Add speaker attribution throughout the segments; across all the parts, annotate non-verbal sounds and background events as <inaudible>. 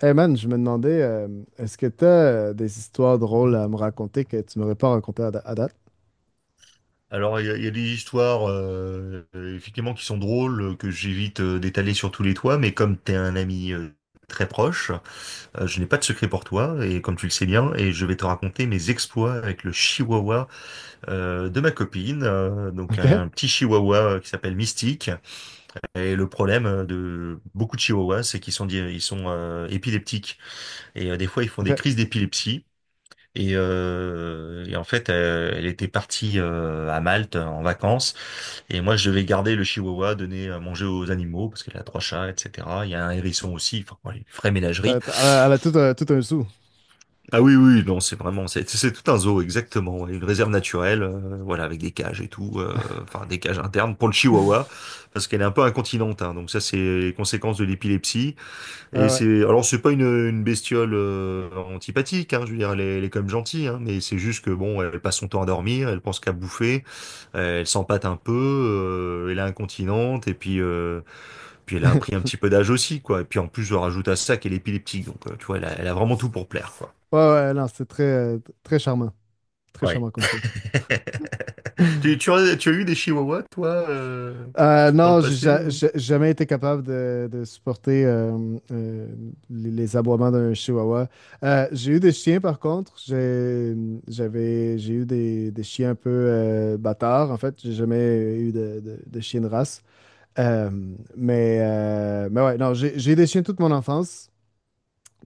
Speaker 1: Hey man, je me demandais, est-ce que tu as des histoires drôles à me raconter que tu m'aurais pas racontées à date?
Speaker 2: Alors, il y a des histoires, effectivement, qui sont drôles, que j'évite d'étaler sur tous les toits, mais comme t'es un ami très proche, je n'ai pas de secret pour toi, et comme tu le sais bien, et je vais te raconter mes exploits avec le chihuahua de ma copine,
Speaker 1: <laughs>
Speaker 2: donc un
Speaker 1: OK?
Speaker 2: un petit chihuahua qui s'appelle Mystique. Et le problème de beaucoup de chihuahuas, c'est qu'ils sont, di- ils sont épileptiques, et des fois, ils font des
Speaker 1: OK.
Speaker 2: crises d'épilepsie. Et en fait, elle était partie à Malte en vacances. Et moi, je devais garder le chihuahua, donner à manger aux animaux, parce qu'elle a trois chats, etc. Il y a un hérisson aussi, enfin, ouais, une vraie ménagerie.
Speaker 1: Elle a tout un sou.
Speaker 2: Ah oui, oui, non, c'est vraiment, c'est tout un zoo, exactement. Ouais, une réserve naturelle, voilà, avec des cages et tout, enfin, des cages internes pour le chihuahua, parce qu'elle est un peu incontinente, hein, donc ça, c'est les conséquences de l'épilepsie.
Speaker 1: Ouais,
Speaker 2: Et
Speaker 1: ouais.
Speaker 2: c'est, alors, c'est pas une bestiole antipathique, hein, je veux dire, elle est quand même gentille, hein, mais c'est juste que, bon, elle passe son temps à dormir, elle pense qu'à bouffer, elle s'empâte un peu, elle est incontinente, et puis. Puis elle a pris un
Speaker 1: <laughs>
Speaker 2: petit peu d'âge aussi, quoi. Et puis en plus, je rajoute à ça qu'elle est épileptique. Donc, tu vois, elle a vraiment tout pour plaire, quoi.
Speaker 1: Ouais, ouais, non, c'est très, très charmant. Très
Speaker 2: Ouais.
Speaker 1: charmant comme chien.
Speaker 2: <laughs>
Speaker 1: <laughs>
Speaker 2: Tu as eu des chihuahuas, toi, dans le
Speaker 1: Non, j'ai
Speaker 2: passé
Speaker 1: ja-
Speaker 2: ou.
Speaker 1: j'ai jamais été capable de supporter les aboiements d'un chihuahua. J'ai eu des chiens, par contre. J'ai eu des chiens un peu bâtards, en fait. J'ai jamais eu de chien de race. Euh, mais ouais, non, j'ai des chiens toute mon enfance,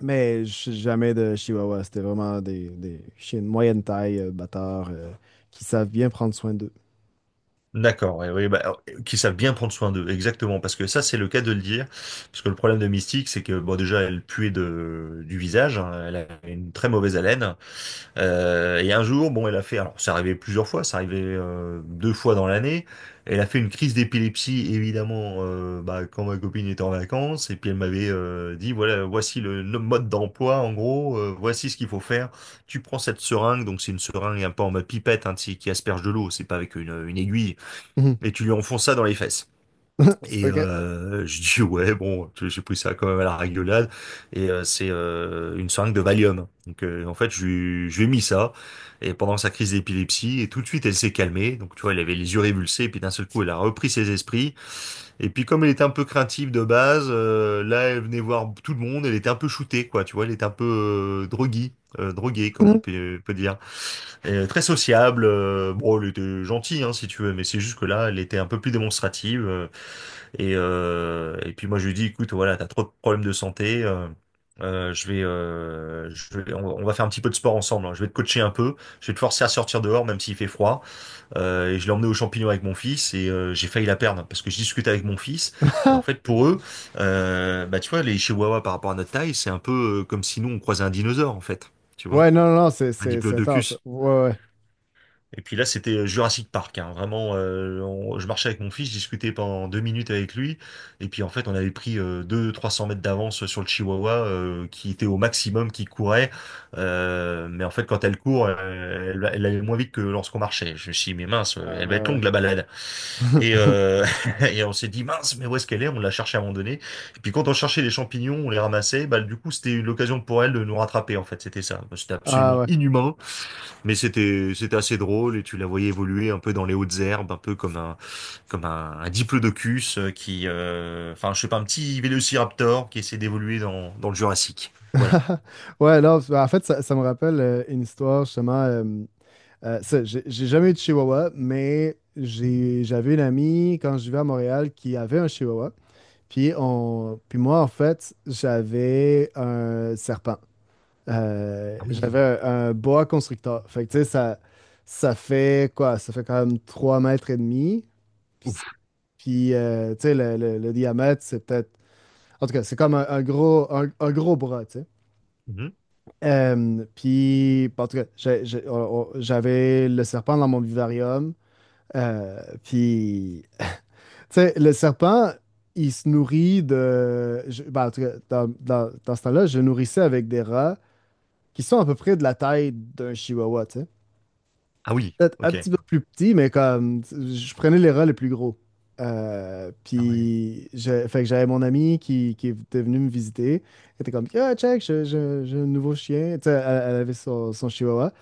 Speaker 1: mais jamais de chihuahua. C'était vraiment des chiens de moyenne taille, bâtards, qui savent bien prendre soin d'eux.
Speaker 2: D'accord, oui, oui, bah, alors, qui savent bien prendre soin d'eux, exactement, parce que ça c'est le cas de le dire, parce que le problème de Mystique c'est que bon déjà elle puait du visage, hein, elle a une très mauvaise haleine, et un jour bon elle a fait, alors ça arrivait plusieurs fois, ça arrivait deux fois dans l'année, elle a fait une crise d'épilepsie évidemment bah, quand ma copine était en vacances, et puis elle m'avait dit voilà voici le mode d'emploi en gros, voici ce qu'il faut faire, tu prends cette seringue, donc c'est une seringue un peu en mode pipette hein, tu sais, qui asperge de l'eau, c'est pas avec une aiguille.
Speaker 1: Mhm.
Speaker 2: Et tu lui enfonces ça dans les fesses.
Speaker 1: <laughs>
Speaker 2: Et
Speaker 1: OK.
Speaker 2: euh, je dis <laughs> ouais bon j'ai pris ça quand même à la rigolade et c'est une seringue de Valium, donc en fait je lui ai mis ça et pendant sa crise d'épilepsie et tout de suite elle s'est calmée donc tu vois elle avait les yeux révulsés et puis d'un seul coup elle a repris ses esprits et puis comme elle était un peu craintive de base, là elle venait voir tout le monde, elle était un peu shootée quoi, tu vois, elle était un peu droguée, droguée comme on
Speaker 1: <laughs>
Speaker 2: peut dire. Et très sociable, bon, elle était gentille, hein, si tu veux, mais c'est juste que là, elle était un peu plus démonstrative. Et puis moi, je lui dis, écoute, voilà, t'as trop de problèmes de santé. Je vais, on va faire un petit peu de sport ensemble. Hein. Je vais te coacher un peu. Je vais te forcer à sortir dehors, même s'il fait froid. Et je l'ai emmené aux champignons avec mon fils et j'ai failli la perdre parce que je discute avec mon fils. Et en fait, pour eux, bah tu vois, les Chihuahuas par rapport à notre taille, c'est un peu comme si nous on croisait un dinosaure en fait. Tu vois,
Speaker 1: Ouais, non, non, non, c'est
Speaker 2: un
Speaker 1: c'est- c'est intense.
Speaker 2: diplodocus.
Speaker 1: Ouais, ouais.
Speaker 2: Et puis là, c'était Jurassic Park, hein. Vraiment, je marchais avec mon fils, je discutais pendant 2 minutes avec lui, et puis en fait, on avait pris 200, 300 mètres d'avance sur le Chihuahua, qui était au maximum, qui courait, Mais en fait, quand elle court, elle allait moins vite que lorsqu'on marchait. Je me suis dit, mais mince,
Speaker 1: Ah,
Speaker 2: elle
Speaker 1: ouais,
Speaker 2: va être
Speaker 1: ouais.
Speaker 2: longue la balade. Et,
Speaker 1: <laughs>
Speaker 2: euh, <laughs> et on s'est dit, mince, mais où est-ce qu'elle est? On l'a cherchée à un moment donné. Et puis quand on cherchait les champignons, on les ramassait, bah, du coup, c'était l'occasion pour elle de nous rattraper, en fait, c'était ça. C'était
Speaker 1: Ah
Speaker 2: absolument
Speaker 1: ouais.
Speaker 2: inhumain. Mais c'était assez drôle et tu la voyais évoluer un peu dans les hautes herbes, un peu comme un diplodocus qui, enfin je sais pas, un petit vélociraptor qui essaie d'évoluer dans le Jurassique. Voilà.
Speaker 1: <laughs> Ouais, non, parce en fait, ça me rappelle une histoire, justement. Ça, j'ai jamais eu de chihuahua, mais j'avais une amie quand je vivais à Montréal qui avait un chihuahua. Puis moi, en fait, j'avais un serpent.
Speaker 2: Ah oui.
Speaker 1: J'avais un boa constrictor. Fait que, tu sais, ça fait quoi? Ça fait quand même 3 mètres et demi. Puis,
Speaker 2: Ouf.
Speaker 1: tu sais, le diamètre, c'est peut-être. En tout cas, c'est comme un gros bras, tu sais.
Speaker 2: Mhm.
Speaker 1: Puis, en tout cas, j'avais le serpent dans mon vivarium. Euh, puis, Tu sais, le serpent, il se nourrit de. Ben, en tout cas, dans ce temps-là, je nourrissais avec des rats qui sont à peu près de la taille d'un chihuahua, tu sais.
Speaker 2: Ah oui,
Speaker 1: Peut-être un
Speaker 2: ok.
Speaker 1: petit peu plus petit, mais comme. Je prenais les rats les plus gros.
Speaker 2: Ah ouais.
Speaker 1: Puis, fait que j'avais mon ami qui était venu me visiter. Elle était comme, ah, check, j'ai un nouveau chien. Tu sais, elle avait son chihuahua.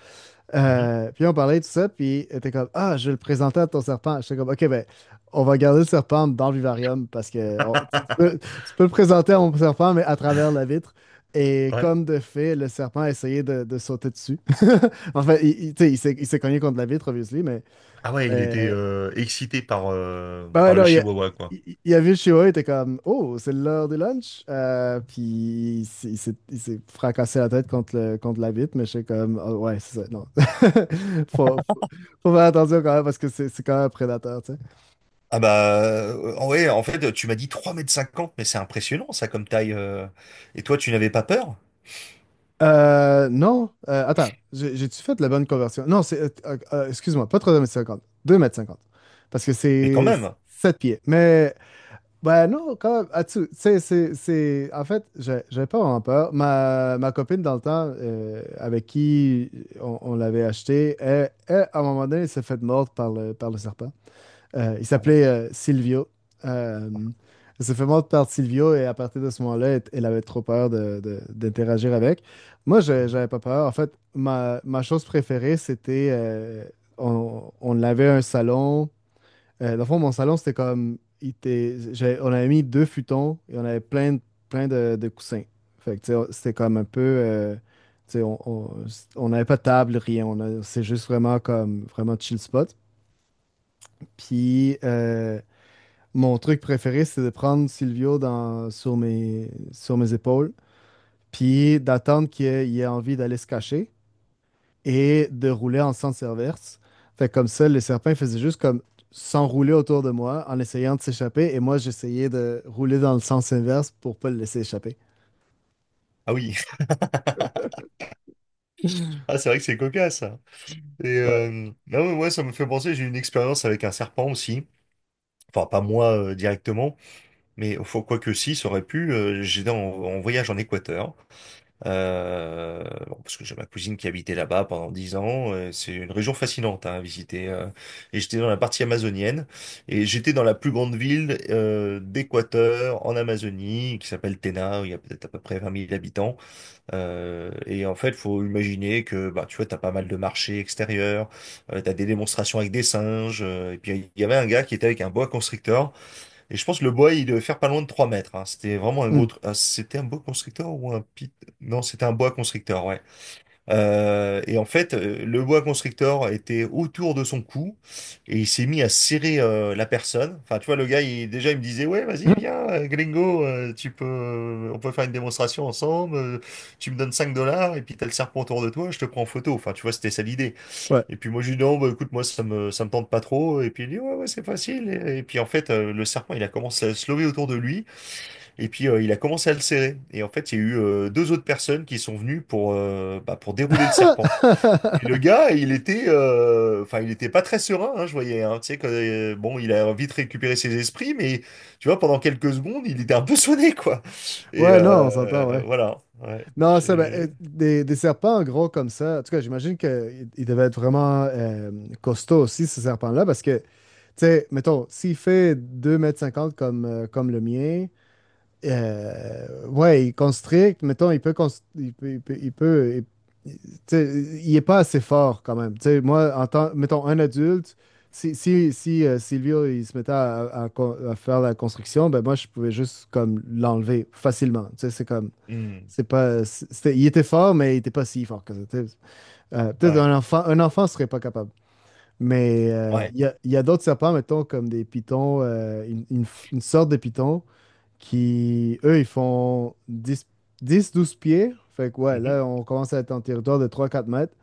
Speaker 2: Mhm.
Speaker 1: Puis on parlait de tout ça, puis t'es comme ah, je vais le présenter à ton serpent. J'étais comme ok, ben, on va garder le serpent dans le vivarium parce que tu, tu peux,
Speaker 2: <laughs>
Speaker 1: tu peux le présenter à mon serpent, mais à travers la vitre. Et
Speaker 2: Ouais.
Speaker 1: comme de fait, le serpent a essayé de sauter dessus. <laughs> Enfin, tu sais, il s'est cogné contre la vitre, obviously,
Speaker 2: Ah ouais, il était
Speaker 1: mais,
Speaker 2: excité par euh,
Speaker 1: ben ouais,
Speaker 2: par le
Speaker 1: non, il a,
Speaker 2: Chihuahua quoi.
Speaker 1: il, il a vu Shiro, il était comme oh, c'est l'heure du lunch. Puis il s'est fracassé la tête contre la vitre, mais j'étais comme ah ouais, c'est ça, non. <laughs> faut, faut, faut faire attention quand même parce que c'est quand même un prédateur, tu sais.
Speaker 2: Ah bah, ouais, en fait, tu m'as dit 3,50 mètres, mais c'est impressionnant ça comme taille. Et toi, tu n'avais pas peur?
Speaker 1: Non, attends, j'ai-tu fait la bonne conversion? Non, c'est. Excuse-moi, pas 3 mètres cinquante, 2 mètres cinquante. Parce que
Speaker 2: Mais quand
Speaker 1: c'est
Speaker 2: même.
Speaker 1: 7 pieds. Mais ben non, quand même. Ah, tu sais, en fait, j'avais pas vraiment peur. Ma copine, dans le temps, avec qui on l'avait acheté, à un moment donné, elle s'est fait mordre par par le serpent. Il
Speaker 2: Ah ouais.
Speaker 1: s'appelait Silvio. Euh, Elle s'est fait mordre par Silvio et à partir de ce moment-là, elle avait trop peur d'interagir avec. Moi,
Speaker 2: Mhm.
Speaker 1: j'avais pas peur. En fait, ma chose préférée, c'était. On avait un salon. Dans le fond, mon salon, c'était comme. On avait mis deux futons et on avait plein de coussins. Fait que, tu sais, c'était comme un peu. Tu sais, on n'avait pas de table, rien. C'est juste vraiment comme. Vraiment chill spot. Puis, mon truc préféré, c'est de prendre Silvio sur mes épaules. Puis, d'attendre qu'il ait envie d'aller se cacher et de rouler en sens inverse. Fait que comme ça, les serpents faisaient juste comme s'enrouler autour de moi en essayant de s'échapper et moi j'essayais de rouler dans le sens inverse pour pas le laisser échapper.
Speaker 2: Ah oui. Ah, c'est vrai que c'est cocasse, ça. Et
Speaker 1: Ouais.
Speaker 2: non, mais ouais, ça me fait penser, j'ai eu une expérience avec un serpent aussi. Enfin, pas moi directement, mais faut, quoi que si, ça aurait pu. J'étais en, en voyage en Équateur, bon, parce que j'ai ma cousine qui habitait là-bas pendant 10 ans. C'est une région fascinante hein, à visiter. Et j'étais dans la partie amazonienne, et j'étais dans la plus grande ville d'Équateur, en Amazonie, qui s'appelle Tena, où il y a peut-être à peu près 20 000 habitants. Et en fait, faut imaginer que bah tu vois, t'as pas mal de marchés extérieurs, t'as des démonstrations avec des singes. Et puis il y avait un gars qui était avec un boa constrictor. Et je pense que le boa il devait faire pas loin de 3 mètres. Hein. C'était vraiment un gros.
Speaker 1: Hmm.
Speaker 2: Ah, c'était un boa constrictor ou un pit? Non, c'était un boa constrictor. Ouais. Et en fait, le boa constrictor était autour de son cou et il s'est mis à serrer la personne. Enfin, tu vois, le gars, il, déjà, il me disait, ouais, vas-y,
Speaker 1: <laughs>
Speaker 2: viens, gringo, tu peux, on peut faire une démonstration ensemble. Tu me donnes 5 dollars et puis t'as le serpent autour de toi, je te prends en photo. Enfin, tu vois, c'était ça l'idée.
Speaker 1: Ouais.
Speaker 2: Et puis moi, je lui dis, non, bah, écoute, moi, ça me tente pas trop. Et puis il dit, ouais, ouais, c'est facile. Et puis en fait, le serpent, il a commencé à se lever autour de lui. Et puis il a commencé à le serrer. Et en fait, il y a eu deux autres personnes qui sont venues pour, bah, pour dérouler le serpent. Et le
Speaker 1: <laughs>
Speaker 2: gars, il était, enfin, il était pas très serein, hein, je voyais. Hein. Tu sais, que, bon, il a vite récupéré ses esprits, mais tu vois, pendant quelques secondes, il était un peu sonné, quoi. Et
Speaker 1: Ouais, non, on s'entend,
Speaker 2: euh,
Speaker 1: ouais.
Speaker 2: voilà. Ouais.
Speaker 1: Non, ça, ben, des serpents en gros comme ça, en tout cas, j'imagine qu'ils devaient être vraiment costauds aussi, ces serpents-là, parce que, tu sais, mettons, s'il fait 2 mètres cinquante comme le mien, ouais, il constricte, mettons, il peut. Il- tu sais, il est pas assez fort quand même. Tu sais, moi, en tant, mettons, un adulte, si, si, si Silvio, il se mettait à faire la construction, ben moi, je pouvais juste comme l'enlever facilement. Tu sais, c'est comme,
Speaker 2: Hmm.
Speaker 1: c'est pas, il était fort, mais il était pas si fort que ça. Tu sais. Peut-être
Speaker 2: Ouais.
Speaker 1: un enfant, serait pas capable. Mais
Speaker 2: Ouais.
Speaker 1: il y a d'autres serpents, mettons, comme des pitons, une sorte de python qui, eux, ils font 10-12 pieds. Fait que ouais,
Speaker 2: Mhm.
Speaker 1: là, on commence à être en territoire de 3-4 mètres.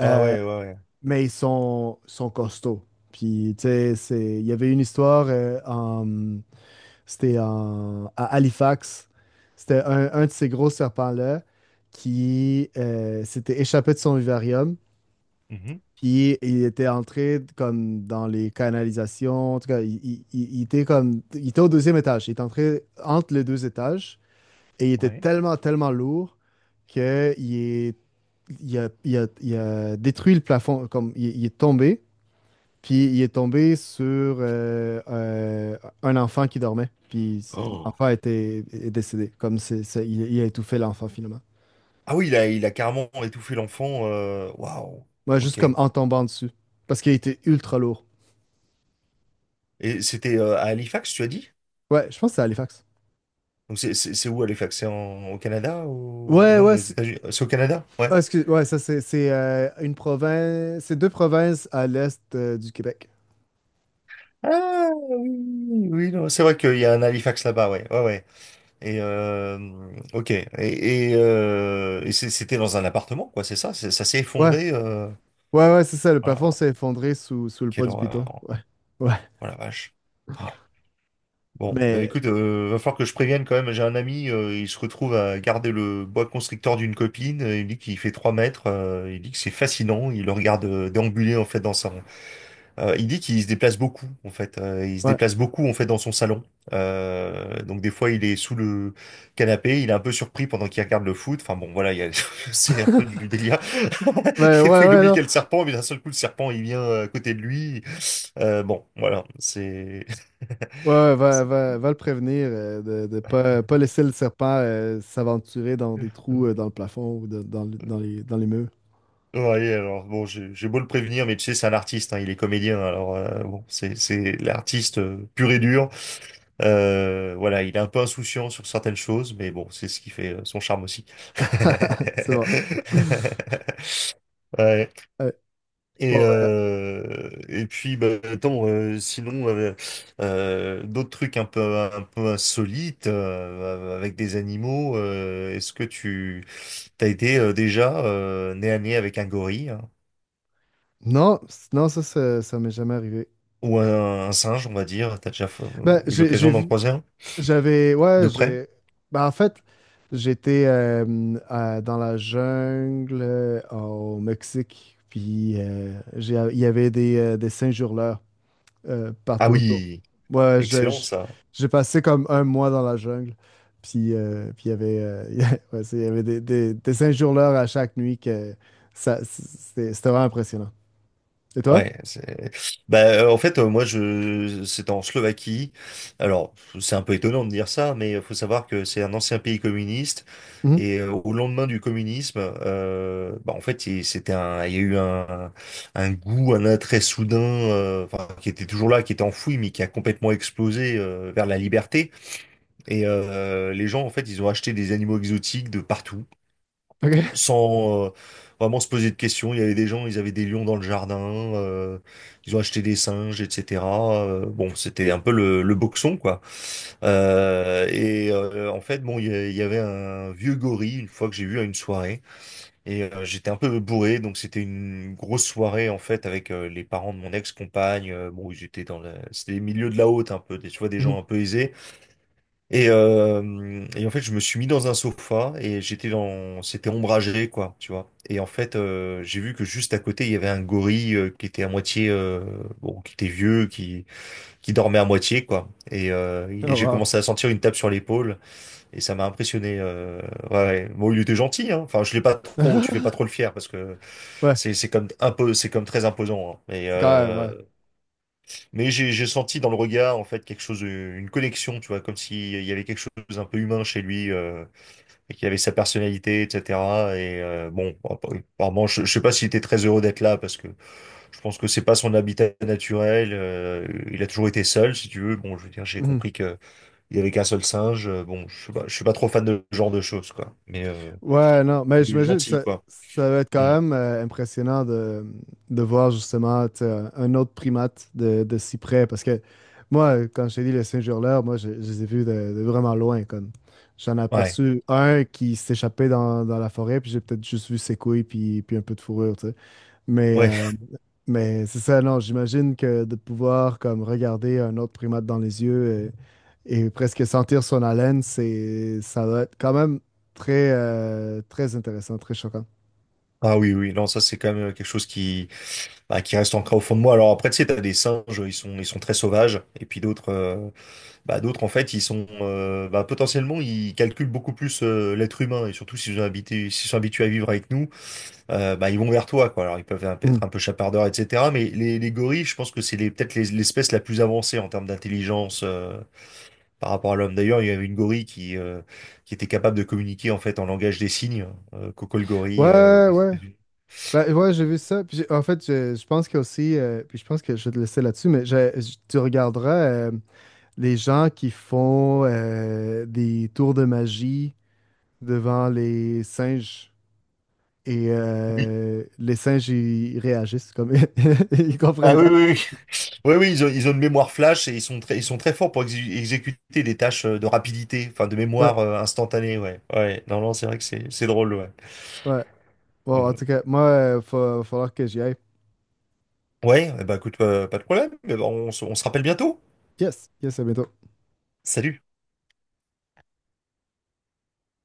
Speaker 2: Ah
Speaker 1: Euh,
Speaker 2: ouais, ouais, ouais.
Speaker 1: mais ils sont costauds. Puis, tu sais, il y avait une histoire, à Halifax. C'était un de ces gros serpents-là qui s'était échappé de son vivarium.
Speaker 2: Mhm.
Speaker 1: Puis, il était entré comme dans les canalisations. En tout cas, il était comme, il était au deuxième étage. Il était entré entre les deux étages. Et il était
Speaker 2: Ouais.
Speaker 1: tellement, tellement lourd qu'il est, il a, il a- il a détruit le plafond. Comme, il est tombé, puis il est tombé sur euh, euh, un enfant qui dormait. Puis
Speaker 2: Oh.
Speaker 1: l'enfant est décédé. Comme, il a étouffé l'enfant finalement.
Speaker 2: Ah oui, il a carrément étouffé l'enfant. Waouh.
Speaker 1: Ouais, juste
Speaker 2: Ok.
Speaker 1: comme en tombant dessus. Parce qu'il était ultra lourd.
Speaker 2: Et c'était à Halifax, tu as dit?
Speaker 1: Ouais, je pense que c'est Halifax.
Speaker 2: Donc c'est c'est où Halifax? C'est au Canada ou
Speaker 1: Ouais,
Speaker 2: non,
Speaker 1: ouais.
Speaker 2: aux États-Unis? C'est au Canada? Ouais.
Speaker 1: Ah, excuse, ouais, ça c'est, une province. C'est deux provinces à l'est du Québec.
Speaker 2: Ah oui, oui, oui, oui, non, c'est vrai qu'il y a un Halifax là-bas, ouais, ouais, ouais. Et ok. Et c'était dans un appartement, quoi, c'est ça? Ça s'est
Speaker 1: Ouais,
Speaker 2: effondré.
Speaker 1: ouais, ouais, c'est ça, le plafond
Speaker 2: Voilà,
Speaker 1: s'est effondré sous le poids
Speaker 2: quelle
Speaker 1: du piton.
Speaker 2: horreur.
Speaker 1: Ouais, ouais,
Speaker 2: Oh la vache. Ah. Bon, euh,
Speaker 1: mais
Speaker 2: écoute, euh, va falloir que je prévienne quand même. J'ai un ami, il se retrouve à garder le bois constrictor d'une copine. Il dit qu'il fait 3 mètres. Il dit que c'est fascinant. Il le regarde déambuler en fait dans sa Il dit qu'il se déplace beaucoup en fait. Il se
Speaker 1: ouais.
Speaker 2: déplace beaucoup en fait dans son salon. Donc des fois il est sous le canapé, il est un peu surpris pendant qu'il regarde le foot. Enfin bon voilà, <laughs> c'est un peu du
Speaker 1: <laughs>
Speaker 2: délire.
Speaker 1: Ben
Speaker 2: <laughs> Des
Speaker 1: ouais,
Speaker 2: fois il
Speaker 1: ouais,
Speaker 2: oublie qu'il
Speaker 1: non.
Speaker 2: y a le serpent, mais d'un seul coup le serpent il vient à côté de lui. Bon voilà, c'est.
Speaker 1: Ouais, ouais, va, va, va le prévenir de, de pas, laisser le serpent s'aventurer dans des trous
Speaker 2: <laughs>
Speaker 1: dans le plafond ou dans les murs.
Speaker 2: Ouais, alors bon, j'ai beau le prévenir, mais tu sais, c'est un artiste, hein, il est comédien, alors bon, c'est l'artiste pur et dur. Voilà, il est un peu insouciant sur certaines choses, mais bon, c'est ce qui fait son charme aussi.
Speaker 1: <laughs>
Speaker 2: <laughs>
Speaker 1: C'est bon.
Speaker 2: Ouais.
Speaker 1: Ouais. Bon, ben,
Speaker 2: Attends, sinon d'autres trucs un peu insolites avec des animaux. Est-ce que tu t'as été déjà nez à nez avec un gorille? Hein?
Speaker 1: non, non, ça m'est jamais arrivé.
Speaker 2: Ou un singe, on va dire.
Speaker 1: Ben,
Speaker 2: Eu
Speaker 1: j'ai
Speaker 2: l'occasion d'en
Speaker 1: vu.
Speaker 2: croiser un
Speaker 1: J'avais, ouais,
Speaker 2: de près?
Speaker 1: j'ai. Ben, en fait, j'étais dans la jungle au Mexique, puis il y avait des singes-hurleurs
Speaker 2: Ah
Speaker 1: partout autour.
Speaker 2: oui,
Speaker 1: Ouais,
Speaker 2: excellent ça.
Speaker 1: j'ai passé comme un mois dans la jungle, puis il y avait, <laughs> ouais, il y avait des singes-hurleurs à chaque nuit que ça, c'était vraiment impressionnant. Et toi?
Speaker 2: Ouais, c'est... Bah, en fait, moi, je... C'est en Slovaquie. Alors, c'est un peu étonnant de dire ça, mais il faut savoir que c'est un ancien pays communiste.
Speaker 1: Mhm.
Speaker 2: Et au lendemain du communisme, bah, en fait, c'était un... Il y a eu un goût, un attrait soudain, enfin, qui était toujours là, qui était enfoui, mais qui a complètement explosé vers la liberté. Et les gens, en fait, ils ont acheté des animaux exotiques de partout,
Speaker 1: OK.
Speaker 2: sans vraiment se poser de questions. Il y avait des gens, ils avaient des lions dans le jardin, euh, ils ont acheté des singes, etc. Bon, c'était un peu le boxon, quoi. En fait, bon, il y avait un vieux gorille, une fois que j'ai vu à une soirée, et j'étais un peu bourré, donc c'était une grosse soirée, en fait, avec les parents de mon ex-compagne. Bon, ils étaient dans la... C'était les milieux de la haute, un peu, des, tu vois, des
Speaker 1: Mhm.
Speaker 2: gens un peu aisés. Et en fait, je me suis mis dans un sofa et j'étais dans, c'était ombragé, quoi, tu vois. Et en fait, j'ai vu que juste à côté, il y avait un gorille qui était à moitié, bon, qui était vieux, qui dormait à moitié, quoi. Et
Speaker 1: Oh,
Speaker 2: j'ai
Speaker 1: wow.
Speaker 2: commencé à sentir une tape sur l'épaule et ça m'a impressionné. Ouais, ouais. Bon, il était gentil, hein. Enfin, je l'ai pas trop, tu fais pas trop le
Speaker 1: <laughs>
Speaker 2: fier parce que
Speaker 1: Ouais,
Speaker 2: c'est comme un peu, c'est comme très imposant. Hein. Mais
Speaker 1: c'est quand même, ouais.
Speaker 2: j'ai senti dans le regard, en fait, quelque chose, une connexion, tu vois, comme s'il y avait quelque chose un peu humain chez lui, et qu'il avait sa personnalité, etc. Et euh, bon, bah, bah, apparemment, je sais pas s'il était très heureux d'être là, parce que je pense que c'est pas son habitat naturel. Il a toujours été seul, si tu veux. Bon, je veux dire, j'ai
Speaker 1: Mhm.
Speaker 2: compris qu'il y avait qu'un seul singe. Bon, je suis pas trop fan de ce genre de choses, quoi. Mais
Speaker 1: Ouais, non, mais
Speaker 2: il est
Speaker 1: j'imagine que
Speaker 2: gentil,
Speaker 1: ça,
Speaker 2: quoi.
Speaker 1: ça va être
Speaker 2: Mm.
Speaker 1: quand même impressionnant de voir justement tu sais, un autre primate de si près. Parce que moi, quand je t'ai dit les Saint-Hurleurs, moi, je les ai vus de vraiment loin. Comme. J'en ai
Speaker 2: Ouais,
Speaker 1: aperçu un qui s'échappait dans la forêt, puis j'ai peut-être juste vu ses couilles, puis un peu de fourrure. Tu sais. Mais,
Speaker 2: ouais.
Speaker 1: euh, mais c'est ça, non, j'imagine que de pouvoir comme regarder un autre primate dans les yeux et presque sentir son haleine, ça doit être quand même très, très intéressant, très choquant.
Speaker 2: Ah oui, oui. Non, ça c'est quand même quelque chose qui bah, qui reste ancré au fond de moi. Alors après, tu sais, t'as des singes, ils sont très sauvages, et puis d'autres, d'autres en fait, potentiellement, ils calculent beaucoup plus l'être humain, et surtout s'ils sont habitués à vivre avec nous, bah, ils vont vers toi, quoi. Alors ils peuvent
Speaker 1: Mm.
Speaker 2: être un peu chapardeurs, etc. Mais les gorilles, je pense que c'est peut-être l'espèce la plus avancée en termes d'intelligence. Par rapport à l'homme. D'ailleurs, il y avait une gorille qui était capable de communiquer en fait en langage des signes, Coco le gorille
Speaker 1: Ouais,
Speaker 2: aux
Speaker 1: ouais.
Speaker 2: États-Unis.
Speaker 1: Ben, ouais, j'ai vu ça. Puis en fait, je pense qu'il y a aussi, puis je pense que je vais te laisser là-dessus, mais tu regarderas euh, les gens qui font des tours de magie devant les singes. Et
Speaker 2: Oui.
Speaker 1: les singes, ils réagissent comme <laughs> ils
Speaker 2: Ah
Speaker 1: comprennent
Speaker 2: oui,
Speaker 1: pas.
Speaker 2: oui, oui, oui, ils ont une mémoire flash et ils sont très forts pour exécuter des tâches de rapidité, enfin de
Speaker 1: Ouais,
Speaker 2: mémoire instantanée, ouais. Ouais, non, non, c'est vrai que c'est drôle, ouais.
Speaker 1: ouais. Bon, en
Speaker 2: Mm.
Speaker 1: tout cas, moi, il va falloir que j'y aille.
Speaker 2: Ouais, eh ben, écoute, pas de problème. Eh ben, on se rappelle bientôt.
Speaker 1: Yes, yes, à bientôt.
Speaker 2: Salut.